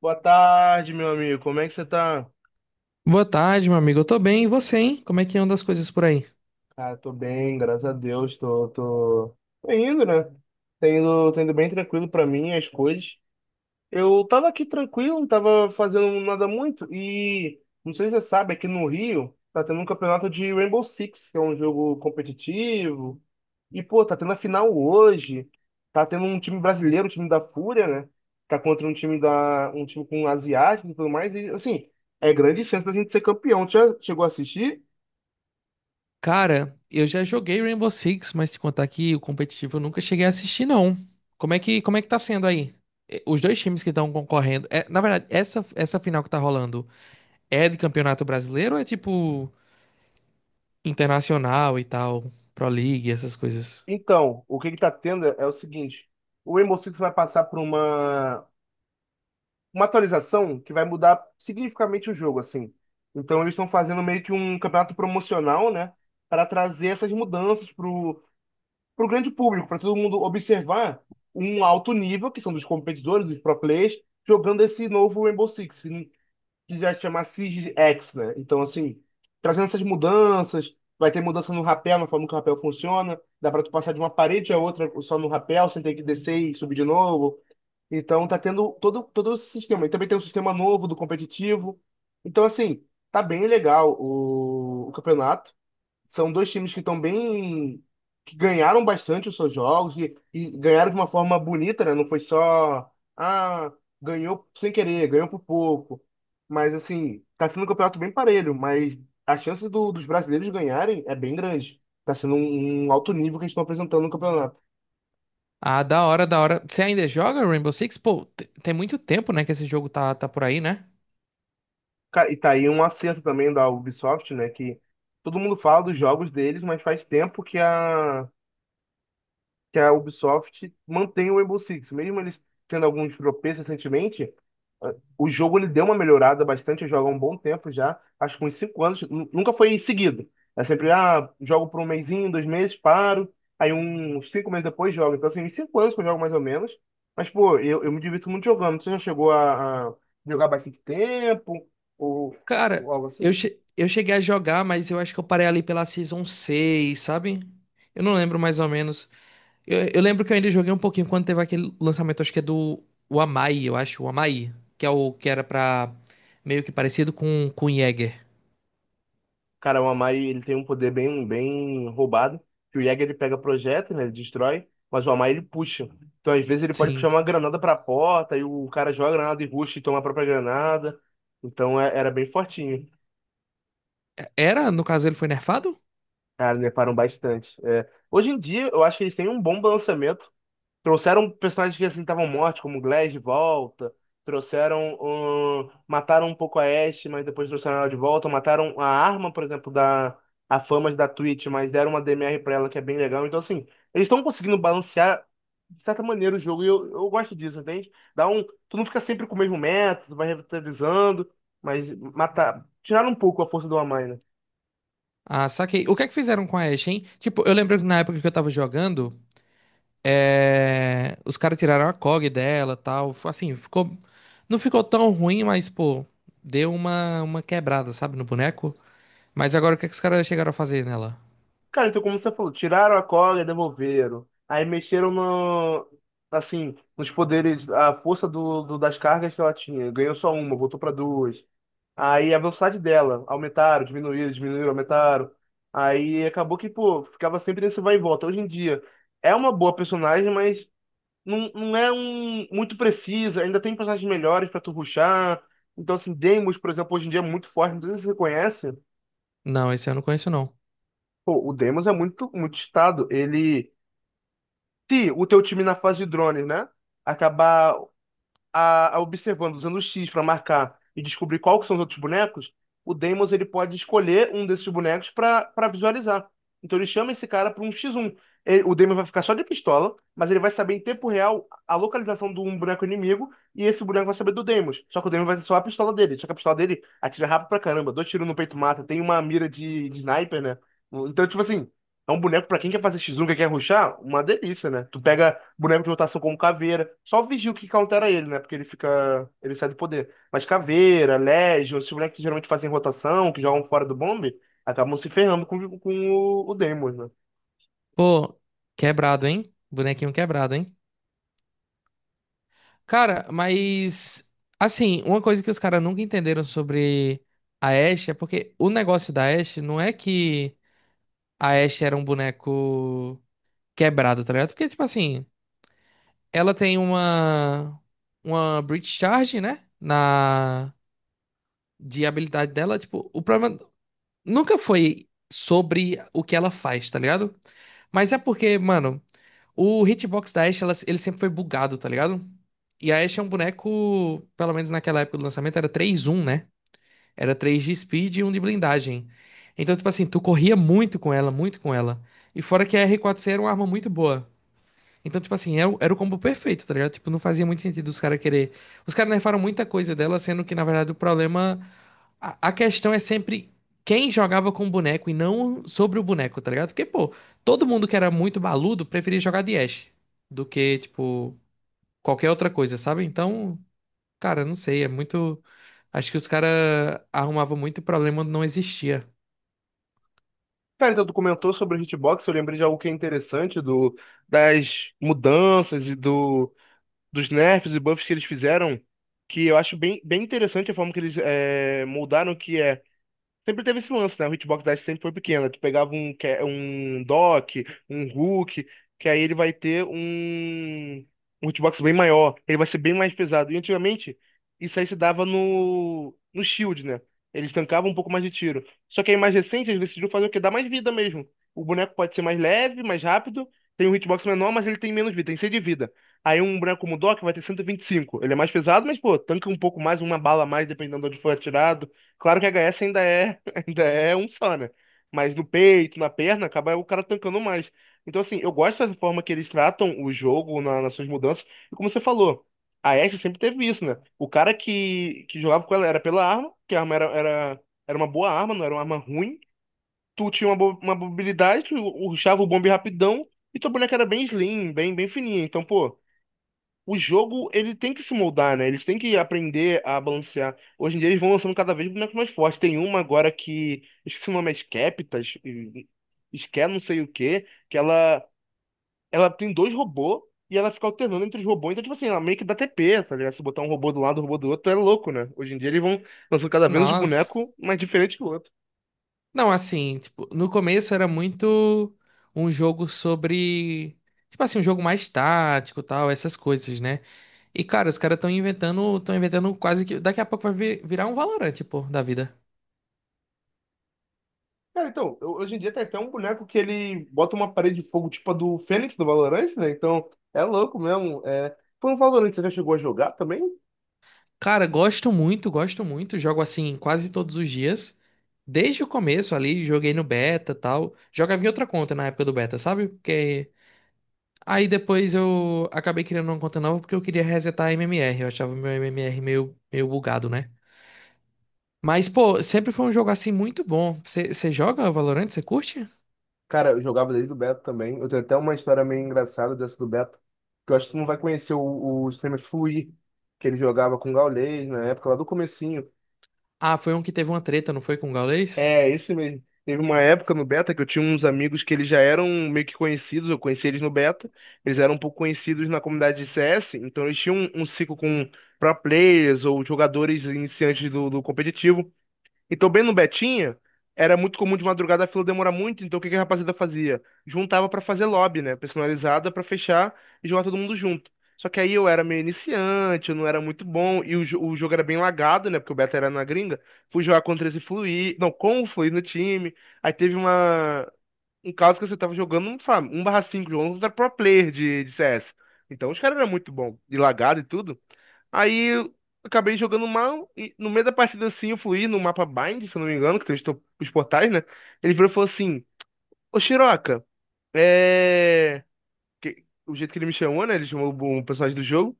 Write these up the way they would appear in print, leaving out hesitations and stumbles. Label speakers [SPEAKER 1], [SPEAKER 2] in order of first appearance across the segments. [SPEAKER 1] Boa tarde, meu amigo. Como é que você tá?
[SPEAKER 2] Boa tarde, meu amigo. Eu tô bem, e você, hein? Como é que anda as coisas por aí?
[SPEAKER 1] Cara, tô bem, graças a Deus. Tô indo, né? Tô indo bem tranquilo pra mim, as coisas. Eu tava aqui tranquilo, não tava fazendo nada muito e não sei se você sabe, aqui no Rio tá tendo um campeonato de Rainbow Six, que é um jogo competitivo. E pô, tá tendo a final hoje. Tá tendo um time brasileiro, um time da Fúria, né? Tá contra um time da um time com asiático e tudo mais e assim, é grande chance da gente ser campeão. Tu já chegou a assistir?
[SPEAKER 2] Cara, eu já joguei Rainbow Six, mas te contar que o competitivo eu nunca cheguei a assistir, não. Como é que tá sendo aí? Os dois times que estão concorrendo. É, na verdade, essa final que tá rolando é de campeonato brasileiro ou é tipo internacional e tal? Pro League, essas coisas.
[SPEAKER 1] Então, o que que tá tendo é o seguinte, o Rainbow Six vai passar por uma atualização que vai mudar significativamente o jogo, assim. Então eles estão fazendo meio que um campeonato promocional, né, para trazer essas mudanças pro grande público, para todo mundo observar um alto nível, que são dos competidores, dos pro players, jogando esse novo Rainbow Six, que já se chama Siege X, né? Então assim, trazendo essas mudanças, vai ter mudança no rapel, na forma que o rapel funciona, dá para tu passar de uma parede a outra só no rapel, sem ter que descer e subir de novo. Então tá tendo todo esse sistema. E também tem um sistema novo do competitivo. Então, assim, tá bem legal o campeonato. São dois times que estão bem. Que ganharam bastante os seus jogos e ganharam de uma forma bonita, né? Não foi só. Ah, ganhou sem querer, ganhou por pouco. Mas, assim, tá sendo um campeonato bem parelho, mas a chance dos brasileiros ganharem é bem grande. Tá sendo um, um alto nível que eles estão apresentando no campeonato.
[SPEAKER 2] Ah, da hora, da hora. Você ainda joga Rainbow Six? Pô, tem muito tempo, né, que esse jogo tá por aí, né?
[SPEAKER 1] E tá aí um acerto também da Ubisoft, né? Que todo mundo fala dos jogos deles, mas faz tempo que a Ubisoft mantém o Rainbow Six. Mesmo eles tendo alguns tropeços recentemente, ah, o jogo ele deu uma melhorada bastante. Eu jogo há um bom tempo já, acho que uns 5 anos. Nunca foi seguido. É sempre, ah, jogo por um mesinho, 2 meses, paro. Aí uns 5 meses depois jogo. Então, assim, uns 5 anos que eu jogo mais ou menos. Mas, pô, eu me divirto muito jogando. Você já chegou a jogar bastante tempo? Ou,
[SPEAKER 2] Cara,
[SPEAKER 1] ou algo
[SPEAKER 2] eu,
[SPEAKER 1] assim?
[SPEAKER 2] che- eu cheguei a jogar, mas eu acho que eu parei ali pela Season seis, sabe? Eu não lembro mais ou menos. Eu lembro que eu ainda joguei um pouquinho quando teve aquele lançamento, acho que é do o Amai, eu acho, o Amai, que é o que era pra meio que parecido com o Jäger.
[SPEAKER 1] Cara, o Amari, ele tem um poder bem, bem roubado, que o Jäger, ele pega projétil, né, ele destrói, mas o Amari, ele puxa. Então, às vezes, ele pode puxar
[SPEAKER 2] Sim.
[SPEAKER 1] uma granada pra porta, e o cara joga a granada e rusha e toma a própria granada. Então, era bem fortinho.
[SPEAKER 2] Era, no caso ele foi nerfado?
[SPEAKER 1] Cara, me param bastante. É, hoje em dia, eu acho que eles têm um bom balanceamento. Trouxeram personagens que assim estavam mortos, como Glass de volta. Trouxeram. Ahn, mataram um pouco a Ashe, mas depois trouxeram ela de volta. Mataram a arma, por exemplo, da. A Famas da Twitch, mas deram uma DMR pra ela que é bem legal. Então, assim, eles estão conseguindo balancear de certa maneira o jogo e eu gosto disso, entende? Dá um. Tu não fica sempre com o mesmo método, vai revitalizando, mas matar. Tiraram um pouco a força do Amai, né?
[SPEAKER 2] Ah, saquei. O que é que fizeram com a Ashe, hein? Tipo, eu lembro que na época que eu tava jogando, é, os caras tiraram a COG dela, tal. Assim, ficou. Não ficou tão ruim, mas, pô, deu uma quebrada, sabe, no boneco. Mas agora o que é que os caras chegaram a fazer nela?
[SPEAKER 1] Cara, então como você falou, tiraram a cola e devolveram. Aí mexeram no, assim, nos poderes, a força das cargas que ela tinha. Ganhou só uma, voltou para duas. Aí a velocidade dela, aumentaram, diminuíram, diminuíram, aumentaram. Aí acabou que, pô, ficava sempre nesse vai e volta. Hoje em dia, é uma boa personagem, mas não, não é um, muito precisa. Ainda tem personagens melhores para tu rushar. Então, assim, Deimos, por exemplo, hoje em dia é muito forte. Não sei se você conhece.
[SPEAKER 2] Não, esse eu não conheço, não.
[SPEAKER 1] Pô, o Deimos é muito, muito estado. Ele. Se o teu time na fase de drones, né, acabar a observando, usando o X para marcar e descobrir qual que são os outros bonecos, o Deimos ele pode escolher um desses bonecos para visualizar. Então ele chama esse cara para um x um. O Deimos vai ficar só de pistola, mas ele vai saber em tempo real a localização de um boneco inimigo e esse boneco vai saber do Deimos. Só que o Deimos vai só a pistola dele. Só que a pistola dele atira rápido pra caramba, 2 tiros no peito mata, tem uma mira de sniper, né? Então, tipo assim. É um boneco pra quem quer fazer X1, que quer rushar, uma delícia, né? Tu pega boneco de rotação como Caveira, só vigia o que countera ele, né? Porque ele fica, ele sai do poder. Mas Caveira, Legion, esses bonecos que geralmente fazem rotação, que jogam fora do bombe, acabam se ferrando com o Daemon, né?
[SPEAKER 2] Pô, quebrado, hein? Bonequinho quebrado, hein? Cara, mas. Assim, uma coisa que os caras nunca entenderam sobre a Ashe é porque o negócio da Ashe não é que a Ashe era um boneco quebrado, tá ligado? Porque, tipo assim. Ela tem uma breach charge, né? Na de habilidade dela, tipo, o problema nunca foi sobre o que ela faz, tá ligado? Mas é porque, mano, o hitbox da Ashe, ele sempre foi bugado, tá ligado? E a Ashe é um boneco, pelo menos naquela época do lançamento, era três um, né? Era três de speed e um de blindagem. Então, tipo assim, tu corria muito com ela, muito com ela. E fora que a r quatro c era uma arma muito boa. Então, tipo assim, era, era o combo perfeito, tá ligado? Tipo, não fazia muito sentido os caras querer. Os caras nerfaram muita coisa dela, sendo que, na verdade, o problema. A questão é sempre quem jogava com o boneco e não sobre o boneco, tá ligado? Porque, pô, todo mundo que era muito baludo preferia jogar de Ashe do que, tipo, qualquer outra coisa, sabe? Então, cara, não sei, é muito. Acho que os caras arrumavam muito problema onde não existia.
[SPEAKER 1] Cara, então tu comentou sobre o hitbox, eu lembrei de algo que é interessante das mudanças e dos nerfs e buffs que eles fizeram, que eu acho bem, bem interessante a forma que eles moldaram, que é. Sempre teve esse lance, né? O hitbox dash sempre foi pequeno. Tu pegava um dock, um hook, que aí ele vai ter um hitbox bem maior. Ele vai ser bem mais pesado. E antigamente, isso aí se dava no shield, né? Eles tancavam um pouco mais de tiro. Só que aí mais recente, eles decidiram fazer o quê? Dar mais vida mesmo. O boneco pode ser mais leve, mais rápido, tem um hitbox menor, mas ele tem menos vida, tem 100 de vida. Aí um boneco como o Doc vai ter cento e vinte e cinco. Ele é mais pesado, mas, pô, tanca um pouco mais, uma bala a mais, dependendo de onde for atirado. Claro que a HS ainda é um só, né? Mas no peito, na perna, acaba o cara tancando mais. Então, assim, eu gosto dessa forma que eles tratam o jogo nas suas mudanças. E como você falou, a Ashe sempre teve isso, né? O cara que jogava com ela era pela arma, que a arma era uma boa arma, não era uma arma ruim. Tu tinha uma mobilidade, tu rushava o bombe rapidão, e tua boneca era bem slim, bem, bem fininha. Então, pô, o jogo ele tem que se moldar, né? Eles têm que aprender a balancear. Hoje em dia eles vão lançando cada vez bonecos mais fortes. Tem uma agora que, esqueci o nome, é Skeptas, Sker não sei o quê, que ela tem 2 robôs e ela fica alternando entre os robôs. Então, tipo assim, ela meio que dá TP, tá ligado? Se botar um robô do lado, um robô do outro, é louco, né? Hoje em dia eles vão lançando cada vez um
[SPEAKER 2] Nossa.
[SPEAKER 1] boneco mais diferente que o outro.
[SPEAKER 2] Não, assim, tipo, no começo era muito um jogo sobre, tipo assim, um jogo mais tático, tal, essas coisas, né? E cara, os caras estão inventando quase que daqui a pouco vai virar um Valorant, pô, da vida.
[SPEAKER 1] Cara, então, hoje em dia tem até um boneco que ele bota uma parede de fogo tipo a do Fênix do Valorant, né? Então, é louco mesmo. É... Foi no Valorant, você já chegou a jogar também?
[SPEAKER 2] Cara, gosto muito, jogo assim quase todos os dias. Desde o começo ali, joguei no beta, tal. Jogava em outra conta na época do beta, sabe? Porque aí depois eu acabei criando uma conta nova porque eu queria resetar a MMR, eu achava meu MMR meio bugado, né? Mas, pô, sempre foi um jogo assim muito bom. Você joga Valorant? Você curte?
[SPEAKER 1] Cara, eu jogava desde o beta também. Eu tenho até uma história meio engraçada dessa do beta, que eu acho que tu não vai conhecer o streamer Fluir, que ele jogava com o Gaules na época, lá do comecinho.
[SPEAKER 2] Ah, foi um que teve uma treta, não foi com o Gaules?
[SPEAKER 1] É, esse mesmo. Teve uma época no Beta que eu tinha uns amigos que eles já eram meio que conhecidos, eu conheci eles no Beta, eles eram um pouco conhecidos na comunidade de CS, então eles tinham um, um ciclo com pro players ou jogadores iniciantes do competitivo, então, bem no Betinha, era muito comum de madrugada a fila demorar muito, então o que que a rapaziada fazia? Juntava pra fazer lobby, né? Personalizada pra fechar e jogar todo mundo junto. Só que aí eu era meio iniciante, eu não era muito bom, e o jogo era bem lagado, né? Porque o beta era na gringa. Fui jogar contra esse Fluir, não, com o Fluir no time. Aí teve uma, um caso que você tava jogando, sabe, um barra cinco jogando contra pro player de CS. Então os caras eram muito bom, e lagado e tudo. Aí eu acabei jogando mal e no meio da partida assim eu fluí no mapa Bind, se eu não me engano, que tem os portais, né? Ele virou e falou assim: Ô Shiroka, é. O jeito que ele me chamou, né? Ele chamou um personagem do jogo.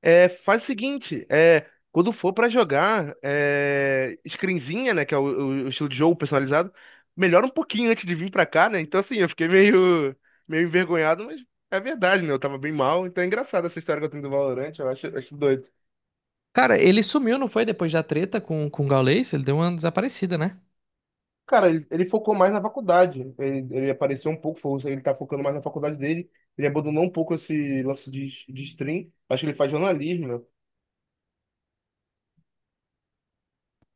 [SPEAKER 1] É, faz o seguinte: é. Quando for pra jogar, é. Screenzinha, né? Que é estilo de jogo personalizado, melhora um pouquinho antes de vir pra cá, né? Então assim, eu fiquei meio. Meio envergonhado, mas é verdade, né? Eu tava bem mal, então é engraçado essa história que eu tenho do Valorant, eu acho, acho doido.
[SPEAKER 2] Cara, ele sumiu, não foi? Depois da treta com o Gaules? Ele deu uma desaparecida, né?
[SPEAKER 1] Cara, ele focou mais na faculdade. Ele apareceu um pouco, ele tá focando mais na faculdade dele. Ele abandonou um pouco esse lance de stream. Acho que ele faz jornalismo, né?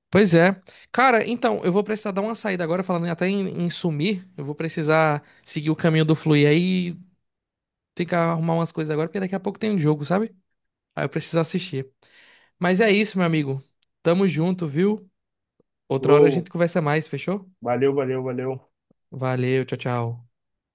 [SPEAKER 2] Pois é. Cara, então, eu vou precisar dar uma saída agora, falando até em sumir. Eu vou precisar seguir o caminho do Fluir aí. Tem que arrumar umas coisas agora, porque daqui a pouco tem um jogo, sabe? Aí eu preciso assistir. Mas é isso, meu amigo. Tamo junto, viu? Outra hora a
[SPEAKER 1] Bro,
[SPEAKER 2] gente conversa mais, fechou?
[SPEAKER 1] valeu, valeu, valeu.
[SPEAKER 2] Valeu, tchau, tchau.